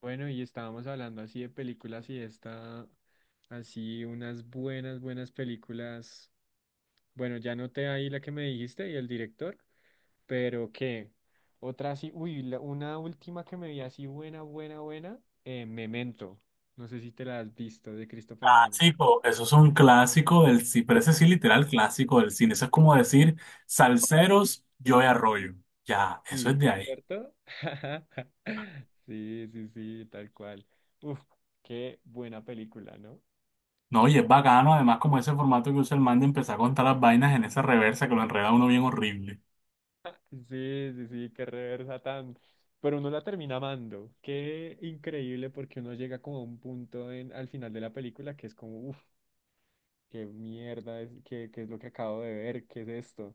Bueno, y estábamos hablando así de películas y esta, así unas buenas, buenas películas. Bueno, ya noté ahí la que me dijiste y el director, pero qué otra así, uy, una última que me vi así buena, buena, buena, Memento. No sé si te la has visto de Christopher Nolan. Clásico, eso es un clásico del cine, pero ese sí literal clásico del cine. Eso es como decir Salseros, Joey Arroyo. Ya, eso es Sí, de ahí. ¿cierto? Sí, sí, sí, tal cual. Uf, qué buena película, ¿no? No, y es bacano, además, como ese formato que usa el man de empezar a contar las vainas en esa reversa que lo enreda uno bien horrible. Sí, sí, sí, qué reversa tan. Pero uno la termina amando. Qué increíble porque uno llega como a un punto al final de la película que es como, uff, qué mierda es, qué es lo que acabo de ver, qué es esto.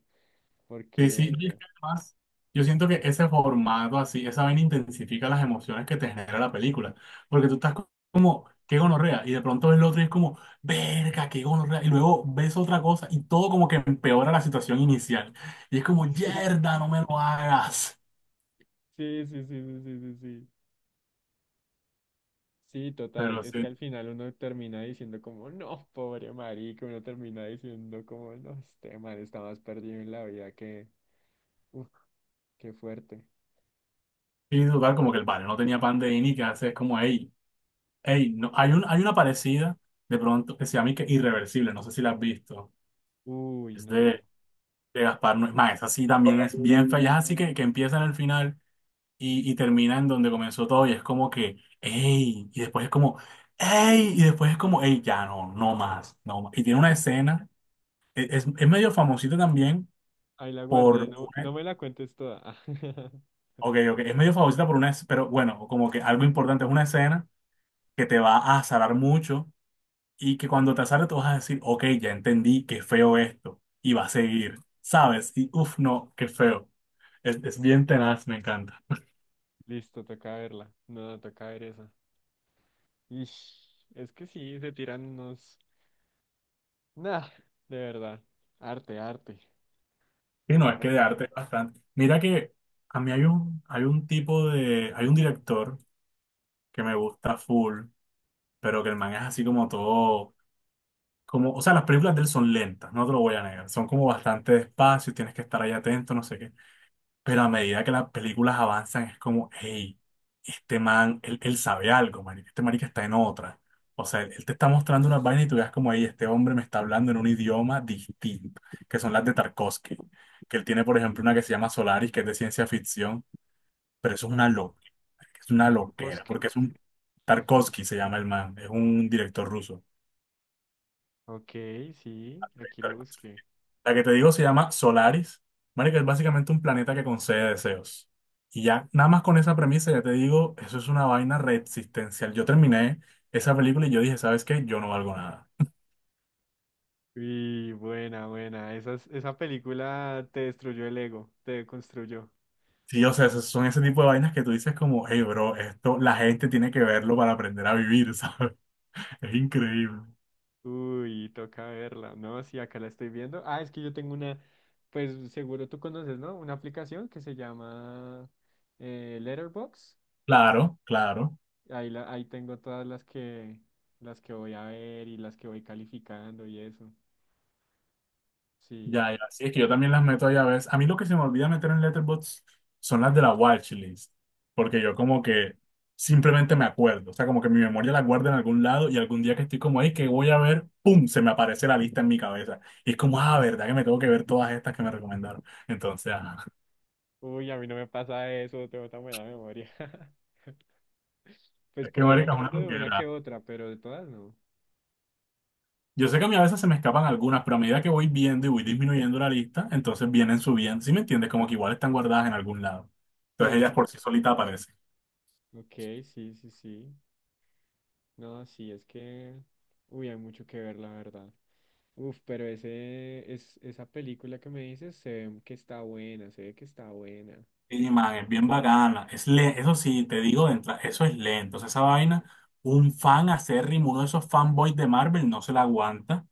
Sí, sí, y es Porque que además, yo siento que ese formato así, esa vaina intensifica las emociones que te genera la película, porque tú estás como, qué gonorrea, y de pronto ves lo otro y es como, verga, qué gonorrea, y luego ves otra cosa y todo como que empeora la situación inicial, y es como, sí, yerda, no me lo hagas, sí, sí, sí, sí, sí, sí, sí. Sí, total. pero Es que sí, al final uno termina diciendo como, no, pobre marica, uno termina diciendo como, no, este man está más perdido en la vida que, uff, qué fuerte. y total, como que el padre no tenía pan de ni que hace, es como, hey, hey, no, hay una parecida, de pronto, que se llama y que Irreversible, no sé si la has visto, Uy, es de no. Gaspar no es más, esa sí también es bien fea, ya es así que, empieza en el final y termina en donde comenzó todo y es como que, ¡ey! Y después es como, ¡ey! Y después es como, ¡ey! Ya no, no más, no más. Y tiene una escena, es medio famosita también Ahí la guardé, por no, no una, me la cuentes toda. ok, ok, es medio famosita por una, pero bueno, como que algo importante es una escena que te va a azarar mucho y que cuando te azare tú vas a decir, ok, ya entendí, qué feo esto, y va a seguir, ¿sabes? Y uff, no, qué feo. Es bien tenaz, me encanta. Listo, toca verla. No, toca ver esa. Ish, es que sí, se tiran unos... Nah, de verdad. Arte, arte. Y no, es que de Arte. arte es bastante. Mira que a mí hay un director que me gusta full, pero que el man es así como todo, como, o sea, las películas de él son lentas, no te lo voy a negar, son como bastante despacio, tienes que estar ahí atento, no sé qué. Pero a medida que las películas avanzan, es como, hey, este man, él sabe algo, marica. Este marica está en otra. O sea, él te está mostrando unas vainas y tú ves como, hey, este hombre me está hablando en un idioma distinto, que son las de Tarkovsky. Que él tiene, por ejemplo, una que se llama Solaris, que es de ciencia ficción, pero eso Car- es una loquera, ¿Carcosque? porque es un... Tarkovsky se llama el man, es un director ruso. Ok, sí, aquí lo busqué. La que te digo se llama Solaris. Marica, es básicamente un planeta que concede deseos. Y ya, nada más con esa premisa, ya te digo, eso es una vaina reexistencial. Yo terminé esa película y yo dije, ¿sabes qué? Yo no valgo nada. Y buena, buena. Esa película te destruyó el ego, te construyó. Sí, o sea, esos son ese tipo de vainas que tú dices como, hey, bro, esto la gente tiene que verlo para aprender a vivir, ¿sabes? Es increíble. Uy, toca verla. No, sí, acá la estoy viendo. Ah, es que yo tengo una, pues seguro tú conoces, ¿no? Una aplicación que se llama Letterboxd. Claro, claro. Ahí tengo todas las que voy a ver y las que voy calificando y eso. Sí. Ya, ya, sí, es que yo también las meto ahí a veces. A mí lo que se me olvida meter en Letterboxd son las de la watchlist, porque yo como que simplemente me acuerdo, o sea, como que mi memoria la guarda en algún lado y algún día que estoy como ahí, que voy a ver, ¡pum!, se me aparece la lista en mi cabeza. Y es como, ah, ¿verdad que me tengo que ver todas estas que me recomendaron? Entonces, ajá. Uy, a mí no me pasa eso, tengo tan buena memoria. Pues es que, por ahí me marica, es una acuerdo de una que loquera. otra, pero de todas no. Yo sé que a mí a veces se me escapan algunas, pero a medida que voy viendo y voy disminuyendo la lista, entonces vienen subiendo, ¿sí me entiendes? Como que igual están guardadas en algún lado. Entonces ellas Sí, por sí solitas aparecen. ok, sí, sí, sí. No, sí, es que, uy, hay mucho que ver, la verdad. Uf, pero ese, esa película que me dices se ve que está buena, se ve que está buena. Sí, man, es bien bacana. Eso sí, te digo de entrada, eso es lento. O sea, esa vaina, un fan acérrimo, uno de esos fanboys de Marvel no se la aguanta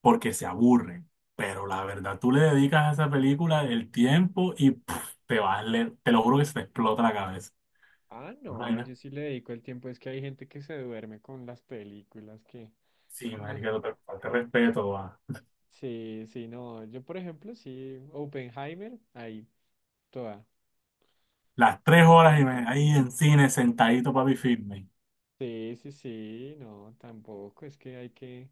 porque se aburre. Pero la verdad, tú le dedicas a esa película el tiempo y pff, te vas, te lo juro que se te explota la cabeza. Ah, Una no, vaina, yo sí le dedico el tiempo. Es que hay gente que se duerme con las películas que... sí No. marica, no te falta respeto, va. Sí, sí, no. Yo, por ejemplo, sí, Oppenheimer, ahí, toda. Las tres Toda, horas toda, y me, toda. ahí en cine, sentadito, papi, firme. Sí, sí, sí, no, tampoco. Es que hay que,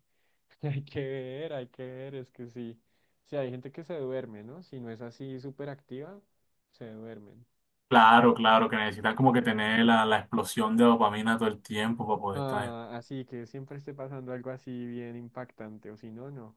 hay que ver, hay que ver. Es que sí, sí, hay gente que se duerme, ¿no? Si no es así súper activa, se duermen. Claro, claro, que necesitas como que tener la explosión de dopamina todo el tiempo para poder estar. Ah, así que siempre esté pasando algo así bien impactante, o si no, no.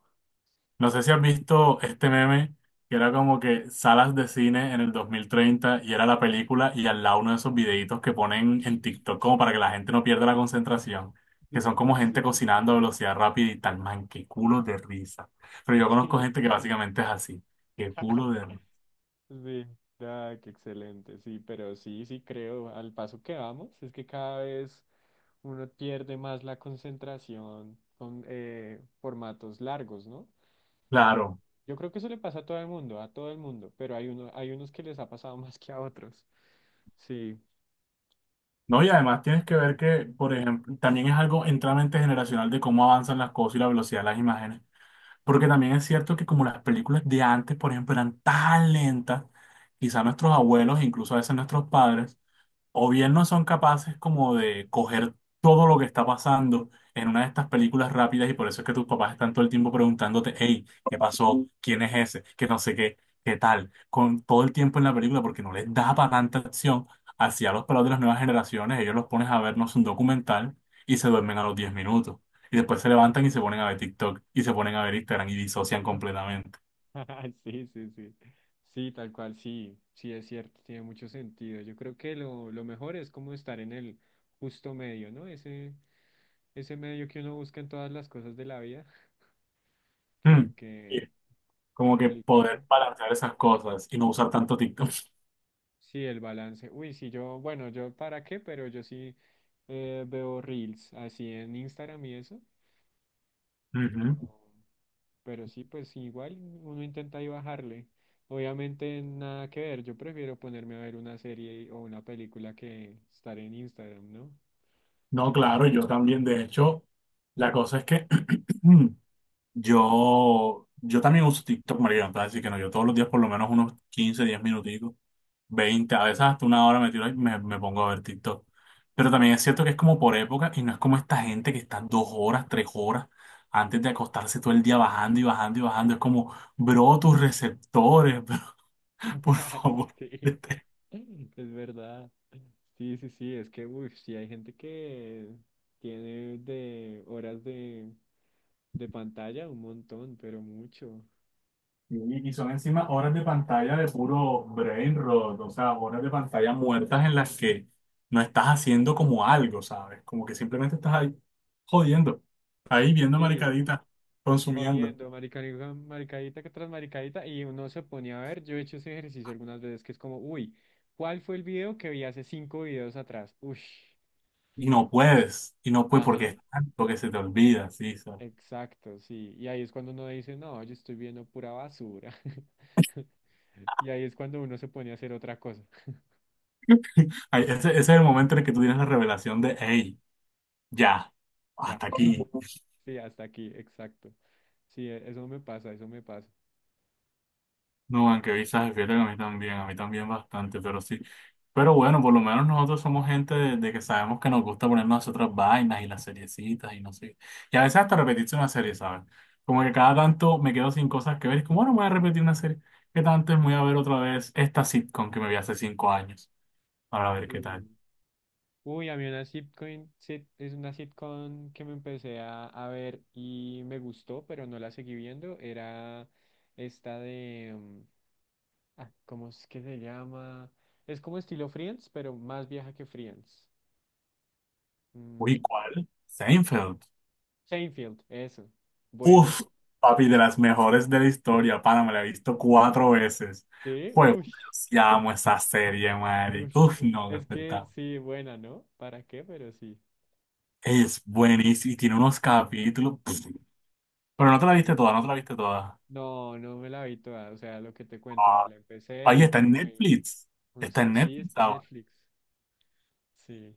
No sé si has visto este meme que era como que salas de cine en el 2030 y era la película y al lado uno de esos videitos que ponen en TikTok como para que la gente no pierda la concentración, Sí, que son como gente cocinando a velocidad rápida y tal, man, qué culo de risa. Pero yo conozco sí, gente que básicamente es así, qué culo de risa. sí. Ah, qué excelente, sí, pero sí, sí creo, al paso que vamos, es que cada vez uno pierde más la concentración con formatos largos, ¿no? Y Claro. yo creo que eso le pasa a todo el mundo, a todo el mundo, pero hay uno, hay unos que les ha pasado más que a otros, sí. No, y además tienes que ver que, por ejemplo, también es algo enteramente generacional de cómo avanzan las cosas y la velocidad de las imágenes. Porque también es cierto que como las películas de antes, por ejemplo, eran tan lentas, quizá nuestros abuelos, incluso a veces nuestros padres, o bien no son capaces como de coger todo lo que está pasando en una de estas películas rápidas y por eso es que tus papás están todo el tiempo preguntándote, hey, ¿qué pasó? ¿Quién es ese? Que no sé qué, qué tal, con todo el tiempo en la película porque no les da para tanta acción hacia los pelados de las nuevas generaciones, ellos los pones a vernos un documental y se duermen a los 10 minutos. Y después se levantan y se ponen a ver TikTok y se ponen a ver Instagram y disocian completamente. Sí, sí, sí. Sí, tal cual, sí, sí es cierto, tiene mucho sentido. Yo creo que lo mejor es como estar en el justo medio, ¿no? Ese medio que uno busca en todas las cosas de la vida, pero Mm. Y que Como que complicado. poder balancear esas cosas y no usar tanto TikTok. Sí, el balance. Uy, sí, yo, bueno, yo para qué, pero yo sí veo reels así en Instagram y eso. pero Ujú. Pero sí, pues igual uno intenta ahí bajarle. Obviamente nada que ver, yo prefiero ponerme a ver una serie o una película que estar en Instagram, ¿no? No, claro, yo también. De hecho, la cosa es que yo también uso TikTok, María, así que no, yo todos los días por lo menos unos 15 10 minuticos, 20 a veces hasta una hora me tiro y me pongo a ver TikTok. Pero también es cierto que es como por época y no es como esta gente que está 2 horas, 3 horas antes de acostarse todo el día bajando y bajando y bajando. Es como, bro, tus receptores, bro, por favor. Sí, es verdad. Sí, sí, sí, es que, uff, sí hay gente que tiene de horas de pantalla un montón, pero mucho. Y son encima horas de pantalla de puro brain rot, o sea, horas de pantalla muertas en las que no estás haciendo como algo, ¿sabes? Como que simplemente estás ahí jodiendo, ahí viendo Sí, maricaditas, consumiendo. Jodiendo, maricadita que tras maricadita, y uno se ponía a ver, yo he hecho ese ejercicio algunas veces, que es como, uy, ¿cuál fue el video que vi hace cinco videos atrás? Ush, Y no puedes porque ajá, es tanto que se te olvida, sí, ¿sabes? exacto, sí, y ahí es cuando uno dice, no, yo estoy viendo pura basura, y ahí es cuando uno se pone a hacer otra cosa, Ahí, ese es el momento en el que tú tienes la revelación de, hey, ya, ya, hasta aquí. sí, hasta aquí, exacto, sí, eso me pasa, eso me pasa. No, aunque visajes, fíjate que a mí también bastante, pero sí. Pero bueno, por lo menos nosotros somos gente de que sabemos que nos gusta ponernos otras vainas y las seriecitas y no sé. Y a veces hasta repetirse una serie, ¿sabes? Como que cada tanto me quedo sin cosas que ver. Es como, bueno, voy a repetir una serie. ¿Qué tanto es? Voy a ver otra vez esta sitcom que me vi hace 5 años. Para ver qué tal. Sí. Uy, a mí una sitcom, es una sitcom que me empecé a ver y me gustó, pero no la seguí viendo. Era esta de, mm, ah, ¿cómo es que se llama? Es como estilo Friends, pero más vieja que Friends. Mm, Uy, ¿cuál? Seinfeld. Seinfeld, eso. Buena. Uf, papi, de las mejores de la historia, pana, me la he visto 4 veces. Sí, Fue, yo uy, sí amo esa serie, madre. uy. Uf, no, Es es que verdad. sí, buena, ¿no? ¿Para qué? Pero sí. Es buenísima y tiene unos capítulos. pff. Pero no te la viste Sí. toda, no te la viste toda. No, no me la vi toda. O sea, lo que te cuento, me Ah, la empecé Ahí y está como en que me dio Netflix. unos Está en cabecillos. Sí, Netflix está en ahora. Netflix. Sí.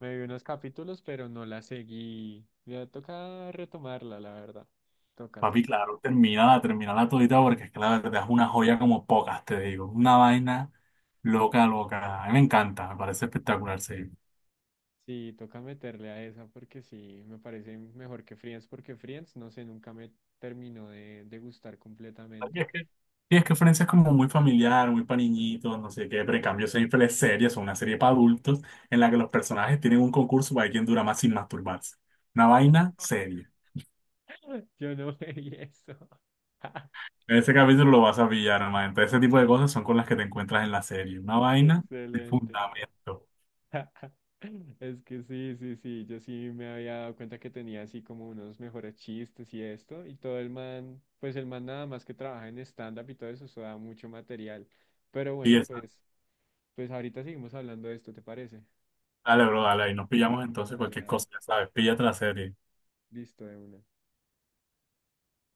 Me vi unos capítulos, pero no la seguí. Ya toca retomarla, la verdad. Toca, Papi, toca. claro, termínala, termínala todita porque es que la verdad es una joya como pocas, te digo. Una vaina loca, loca. A mí me encanta, me parece espectacular, sí. Sí, toca meterle a esa porque sí, me parece mejor que Friends porque Friends, no sé, nunca me terminó de gustar Y completamente. es que, y es que Friends es como muy familiar, muy para niñitos, no sé qué, pero en cambio Seinfeld es una serie para adultos en la que los personajes tienen un concurso para ver quién dura más sin masturbarse. Una vaina seria. Yo no veía eso. En ese capítulo lo vas a pillar, hermano. Entonces, ese tipo de cosas son con las que te encuentras en la serie. Una Qué vaina de excelente. fundamento. Es que sí, sí, sí, yo sí me había dado cuenta que tenía así como unos mejores chistes y esto, y todo el man, pues el man nada más que trabaja en stand-up y todo eso, eso da mucho material. Pero Y bueno, esa. pues ahorita seguimos hablando de esto, ¿te parece? Dale, bro, dale, ahí nos pillamos entonces Dale, cualquier dale. cosa, ya sabes, píllate la serie. Listo, de una.